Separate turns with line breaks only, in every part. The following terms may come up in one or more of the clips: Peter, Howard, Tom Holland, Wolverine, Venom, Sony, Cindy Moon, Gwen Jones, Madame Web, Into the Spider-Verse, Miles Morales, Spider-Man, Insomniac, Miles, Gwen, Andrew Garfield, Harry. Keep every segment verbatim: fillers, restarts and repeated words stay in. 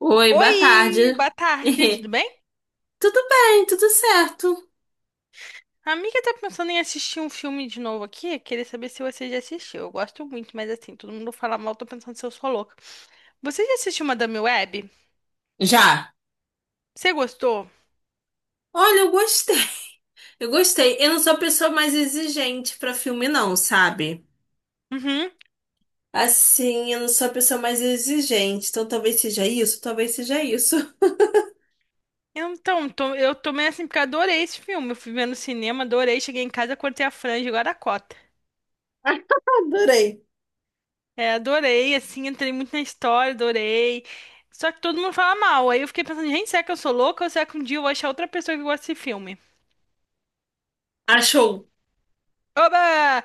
Oi, boa tarde.
Oi, boa tarde, tudo bem?
Tudo bem, tudo certo.
A amiga tá pensando em assistir um filme de novo aqui, queria saber se você já assistiu. Eu gosto muito, mas assim, todo mundo fala mal, tô pensando se eu sou louca. Você já assistiu Madame Web?
Já.
Você gostou?
Olha, eu gostei. Eu gostei. Eu não sou a pessoa mais exigente pra filme, não, sabe?
Uhum.
Assim, eu não sou a pessoa mais exigente. Então talvez seja isso, talvez seja isso.
Então, tô- eu tomei assim porque eu adorei esse filme. Eu fui ver no cinema, adorei, cheguei em casa, cortei a franja, agora a cota.
Adorei.
É, adorei, assim, entrei muito na história, adorei. Só que todo mundo fala mal. Aí eu fiquei pensando, gente, será que eu sou louca ou será que um dia eu vou achar outra pessoa que gosta desse filme?
Achou?
Oba!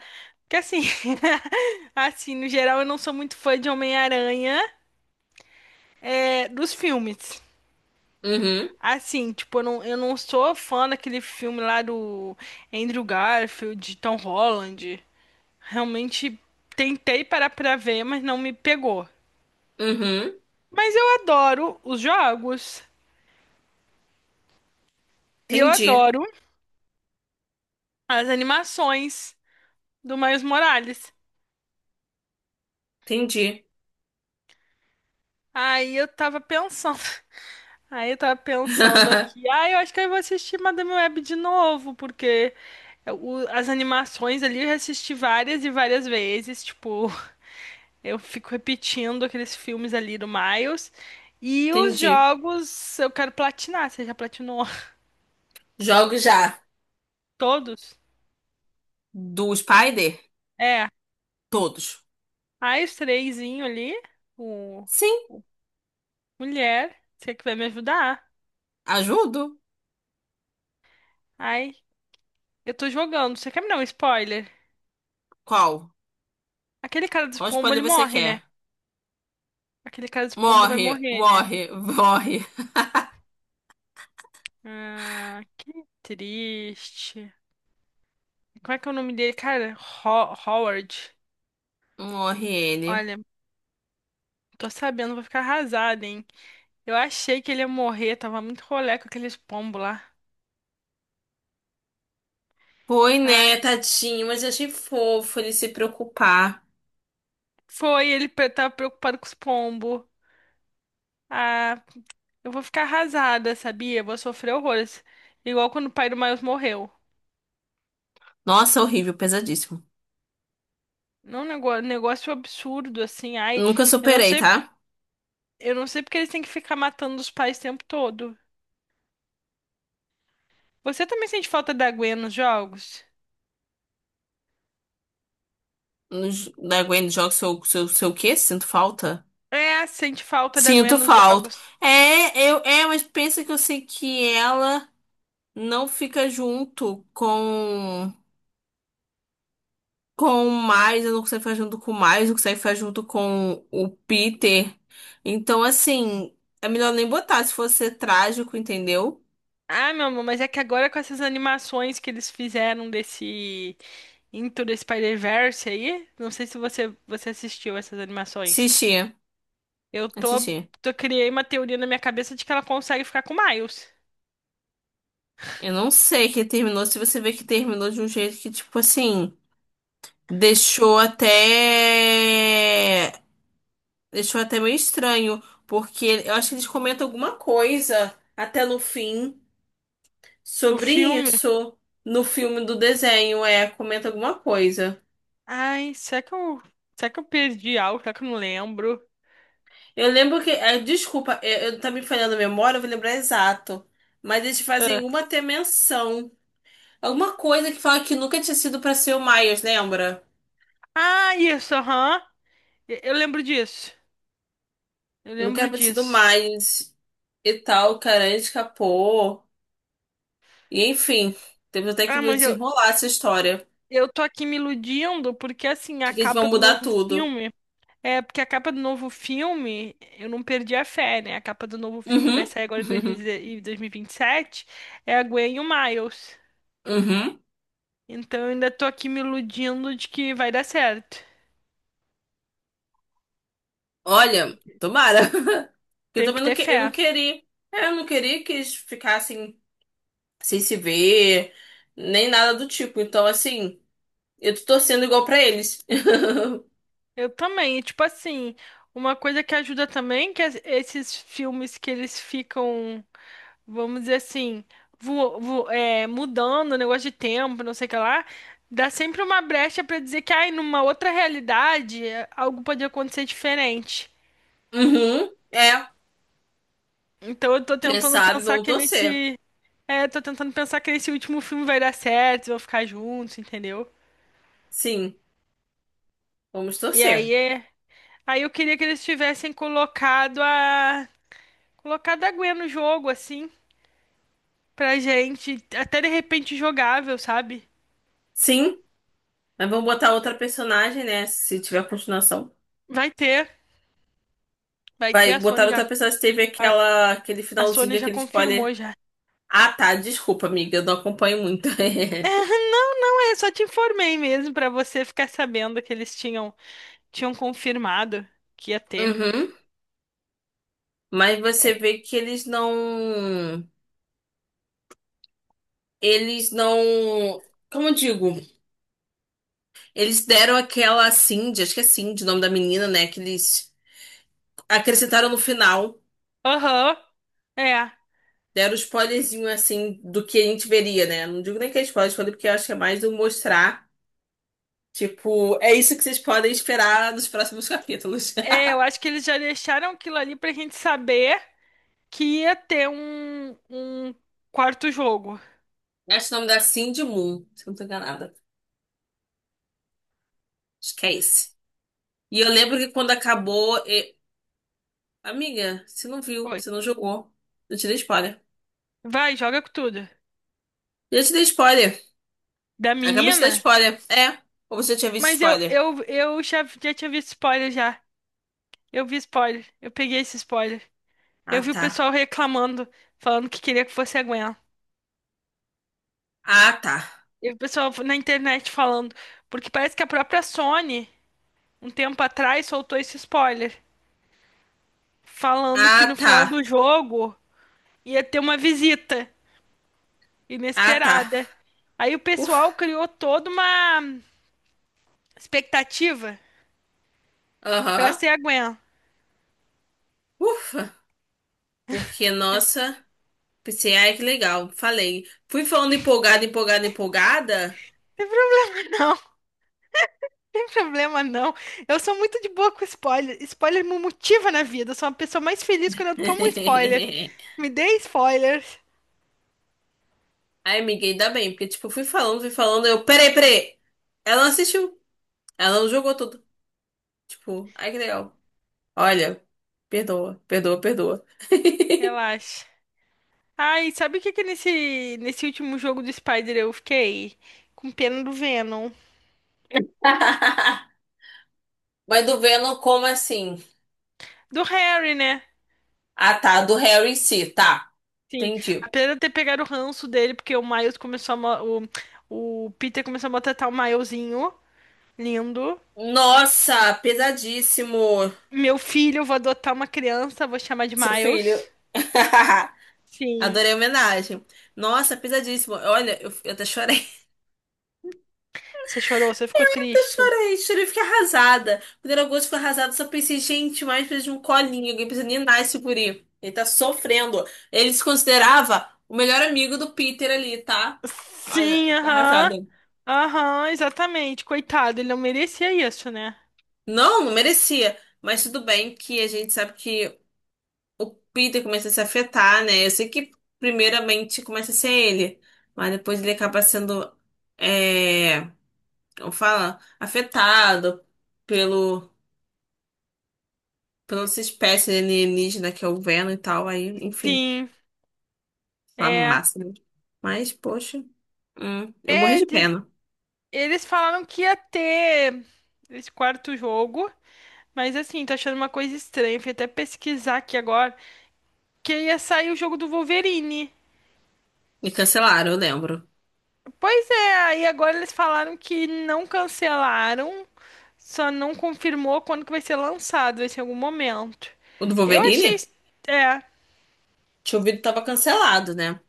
Que assim, assim, no geral eu não sou muito fã de Homem-Aranha, é, dos filmes.
Uhum,
Assim, tipo, eu não, eu não sou fã daquele filme lá do Andrew Garfield, Tom Holland. Realmente tentei parar pra ver, mas não me pegou.
uhum.
Mas eu adoro os jogos e eu
Entendi,
adoro as animações do Miles Morales.
entendi.
Aí eu tava pensando. Aí eu tava pensando aqui, ah, eu acho que eu vou assistir Madame Web de novo, porque o- as animações ali eu já assisti várias e várias vezes, tipo, eu fico repetindo aqueles filmes ali do Miles. E os
Entendi.
jogos eu quero platinar, você já platinou
Jogo já.
todos?
Do Spider?
É,
Todos.
aí os trêsinho ali, o,
Sim,
o mulher, você que vai me ajudar?
ajudo.
Ai, eu tô jogando, você quer me dar um spoiler?
Qual?
Aquele cara dos
Qual
pombo,
spoiler
ele
você
morre, né?
quer?
Aquele cara dos pombo vai
Morre,
morrer, né?
morre, morre.
Ah, que triste. Como é que é o nome dele, cara? Ho- Howard.
Morre ele.
Olha, tô sabendo, vou ficar arrasada, hein? Eu achei que ele ia morrer, tava muito rolé com aqueles pombos lá.
Foi,
Ai,
né, tadinho, mas eu achei fofo ele se preocupar.
foi, ele pre- tava preocupado com os pombos. Ah, eu vou ficar arrasada, sabia? Vou sofrer horrores. Igual quando o pai do Miles morreu.
Nossa, horrível, pesadíssimo.
Não, negócio, negócio absurdo, assim. Ai,
Nunca
eu não
superei,
sei,
tá?
eu não sei porque eles têm que ficar matando os pais o tempo todo. Você também sente falta da Gwen nos jogos?
No j- Da Gwen Jones, seu, seu, seu o quê? Sinto falta?
É, sente falta da Gwen
Sinto
nos
falta.
jogos.
É, eu, é, mas pensa que eu sei que ela não fica junto com. Com o Miles, eu não consigo ficar junto com o Miles, não consigo ficar junto com o Peter. Então, assim, é melhor nem botar se fosse trágico, entendeu?
Ah, meu amor, mas é que agora com essas animações que eles fizeram desse Into the Spider-Verse aí, não sei se você, você assistiu essas animações.
Assistir,
Eu tô,
assistir.
tô criei uma teoria na minha cabeça de que ela consegue ficar com o Miles
Eu não sei que terminou, se você vê que terminou de um jeito que, tipo assim, deixou até. Deixou até meio estranho, porque eu acho que eles comentam alguma coisa até no fim
do
sobre
filme.
isso. No filme do desenho, é, comenta alguma coisa.
Ai, será que eu, será que eu perdi algo? Será que eu não lembro?
Eu lembro que. eh, Desculpa, eh, eu, tá me falhando a memória, eu vou lembrar exato. Mas eles fazem
Ah,
alguma até menção. Alguma coisa que fala que nunca tinha sido pra ser o Miles, lembra?
ah, isso, aham. Eu eu lembro disso. Eu
Nunca
lembro
era pra ter sido o
disso.
Miles e tal, o cara escapou. E enfim, temos até que
Ah,
ver o
mas eu,
desenrolar essa história.
eu tô aqui me iludindo porque assim,
De
a
que eles vão
capa do
mudar
novo
tudo.
filme. É, porque a capa do novo filme, eu não perdi a fé, né? A capa do novo filme que vai
Uhum.
sair agora em dois mil e dezesseis dois mil e vinte e sete é a Gwen e o Miles.
Uhum. Uhum.
Então eu ainda tô aqui me iludindo de que vai dar certo.
Olha, tomara. Porque eu
Tenho que
também não,
ter
que, eu não
fé.
queria. é, Eu não queria que eles ficassem sem se ver, nem nada do tipo. Então, assim. Eu tô torcendo igual pra eles.
Eu também, e, tipo assim, uma coisa que ajuda também é que es- esses filmes que eles ficam, vamos dizer assim, vo- vo- é, mudando o negócio de tempo, não sei o que lá, dá sempre uma brecha pra dizer que, ai, numa outra realidade, é, algo pode acontecer diferente.
Uhum, é.
Então eu tô
Quem
tentando
sabe
pensar
vamos
que
torcer.
nesse. É, tô tentando pensar que nesse último filme vai dar certo, vão ficar juntos, entendeu?
Sim, vamos
E
torcer.
aí é. Aí eu queria que eles tivessem colocado a. Colocado a Gwen no jogo, assim, pra gente. Até de repente jogável, sabe?
Sim, mas vamos botar outra personagem, né? Se tiver continuação.
Vai ter. Vai ter,
Vai
a
botar
Sony já.
outra personagem. Teve
A,
aquela, aquele
a
finalzinho,
Sony já
aquele
confirmou
spoiler.
já.
Ah, tá. Desculpa, amiga. Eu não acompanho muito.
Não, é, só te informei mesmo pra você ficar sabendo que eles tinham tinham confirmado que ia ter.
Uhum. Mas você
É.
vê que eles não. Eles não. Como eu digo? Eles deram aquela Cindy, acho que é Cindy o nome da menina, né? Que eles acrescentaram no final.
Aham. É.
Deram um spoilerzinho assim do que a gente veria, né? Não digo nem que é spoiler, spoiler porque eu acho que é mais do mostrar. Tipo, é isso que vocês podem esperar nos próximos capítulos.
É, eu acho que eles já deixaram aquilo ali pra gente saber que ia ter um, um quarto jogo.
Acho que o nome da Cindy Moon, se eu não tô enganada. Acho que é esse. E eu lembro que quando acabou. e- Amiga, você não viu,
Foi.
você não jogou. Eu te dei spoiler.
Vai, joga com tudo.
Eu te dei spoiler.
Da
Acabei de dar
menina?
spoiler. É. Ou você já tinha visto
Mas eu,
spoiler?
eu, eu já, já tinha visto spoiler já. Eu vi spoiler. Eu peguei esse spoiler.
Ah,
Eu vi o
tá.
pessoal reclamando, falando que queria que fosse a Gwen.
Ah, tá.
E o pessoal na internet falando. Porque parece que a própria Sony, um tempo atrás, soltou esse spoiler. Falando que
Ah,
no
tá.
final do jogo ia ter uma visita
Ah, tá.
inesperada. Aí o
Ufa.
pessoal criou toda uma expectativa pra
Aham.
ser a Gwen. Não
Ufa. Porque, nossa. Pensei, ai, que legal. Falei. Fui falando empolgada, empolgada, empolgada.
Tem pro- Não, Não tem problema não. Eu sou muito de boa com spoiler. Spoiler me motiva na vida. Eu sou uma pessoa mais feliz quando eu tomo um spoiler. Me dê spoilers.
Ai, amiga, ainda bem, porque, tipo, fui falando, fui falando, eu, peraí, peraí. Ela não assistiu. Ela não jogou tudo. Tipo, ai, que legal. Olha, perdoa, perdoa, perdoa.
Relaxa. Ai, sabe o que que nesse, nesse último jogo do Spider eu fiquei? Com pena do Venom.
Mas do Venom, como assim?
Do Harry, né?
Ah, tá, do Harry em si, tá.
Sim.
Entendi.
Apesar de eu ter pegado o ranço dele, porque o Miles começou a... mo- O, o Peter começou a maltratar o Milesinho. Lindo.
Nossa, pesadíssimo,
Meu filho, eu vou adotar uma criança, vou chamar de
seu filho.
Miles. Sim.
Adorei a homenagem. Nossa, pesadíssimo. Olha, eu, eu até chorei.
Você chorou, você ficou
Eu
triste.
chorei, chorei, fiquei arrasada. Quando era agosto, fiquei arrasada, só pensei, gente, mais precisa de um colinho, alguém precisa ninar esse guri. Ele tá sofrendo. Ele se considerava o melhor amigo do Peter ali, tá? Olha,
Sim,
eu fiquei
aham.
arrasada.
Aham, exatamente. Coitado, ele não merecia isso, né?
Não, não merecia. Mas tudo bem que a gente sabe que o Peter começa a se afetar, né? Eu sei que primeiramente começa a ser ele, mas depois ele acaba sendo, é, como fala, afetado pelo pela essa espécie alienígena que eu vendo e tal, aí, enfim,
Sim,
uma
é.
massa. Né? Mas, poxa, hum, eu morri
É,
de
de-
pena.
eles falaram que ia ter esse quarto jogo, mas assim, tô achando uma coisa estranha. Fui até pesquisar aqui agora, que ia sair o jogo do Wolverine.
Me cancelaram, eu lembro.
Pois é, aí agora eles falaram que não cancelaram, só não confirmou quando que vai ser lançado, vai ser em algum momento.
O do
Eu achei,
Wolverine?
es- é,
Tinha ouvido que tava cancelado, né?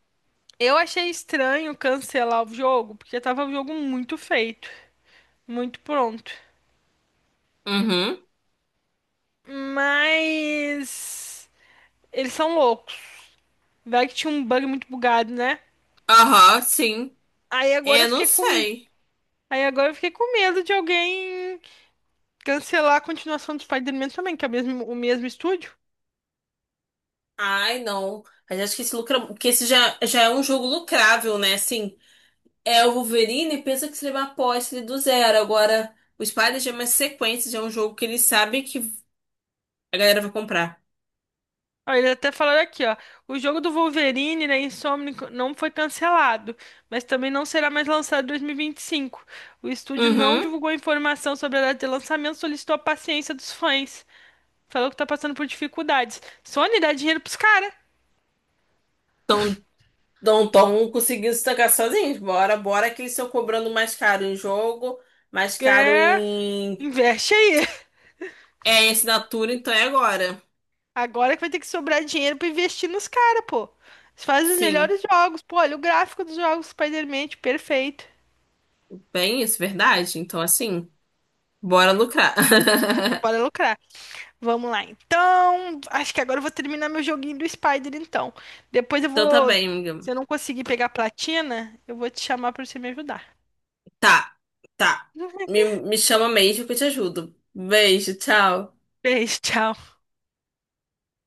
eu achei estranho cancelar o jogo, porque tava o jogo muito feito, muito pronto.
Uhum.
Mas eles são loucos. Vai que tinha um bug muito bugado, né?
Aham, sim.
Aí agora eu
Eu não
fiquei com,
sei.
aí agora eu fiquei com medo de alguém cancelar a continuação do Spider-Man também, que é o mesmo, o mesmo estúdio.
Ai, não. Mas acho que esse lucra... que esse já, já é um jogo lucrável, né? Assim, é o Wolverine pensa que se levar após ele é do zero. Agora, o Spider-Man é uma sequência, já é um jogo que ele sabe que a galera vai comprar.
Ó, eles até falaram aqui, ó. O jogo do Wolverine, né, Insomniac, não foi cancelado, mas também não será mais lançado em dois mil e vinte e cinco. O estúdio não
Uhum.
divulgou informação sobre a data de lançamento, solicitou a paciência dos fãs. Falou que tá passando por dificuldades. Sony dá dinheiro pros caras.
Então, não tão conseguindo se tancar sozinhos. Bora, bora que eles estão cobrando mais caro em jogo, mais caro
É,
em,
investe aí.
é, em assinatura, então é agora.
Agora que vai ter que sobrar dinheiro pra investir nos caras, pô. Eles fazem os
Sim,
melhores jogos. Pô, olha o gráfico dos jogos Spider-Man, perfeito.
bem isso, verdade? Então assim, bora lucrar.
Bora lucrar. Vamos lá, então. Acho que agora eu vou terminar meu joguinho do Spider, então. Depois eu
Então tá
vou.
bem,
Se
amiga.
eu não conseguir pegar platina, eu vou te chamar pra você me ajudar.
Tá, tá. Me, me chama mesmo que eu te ajudo. Beijo, tchau.
Beijo, tchau.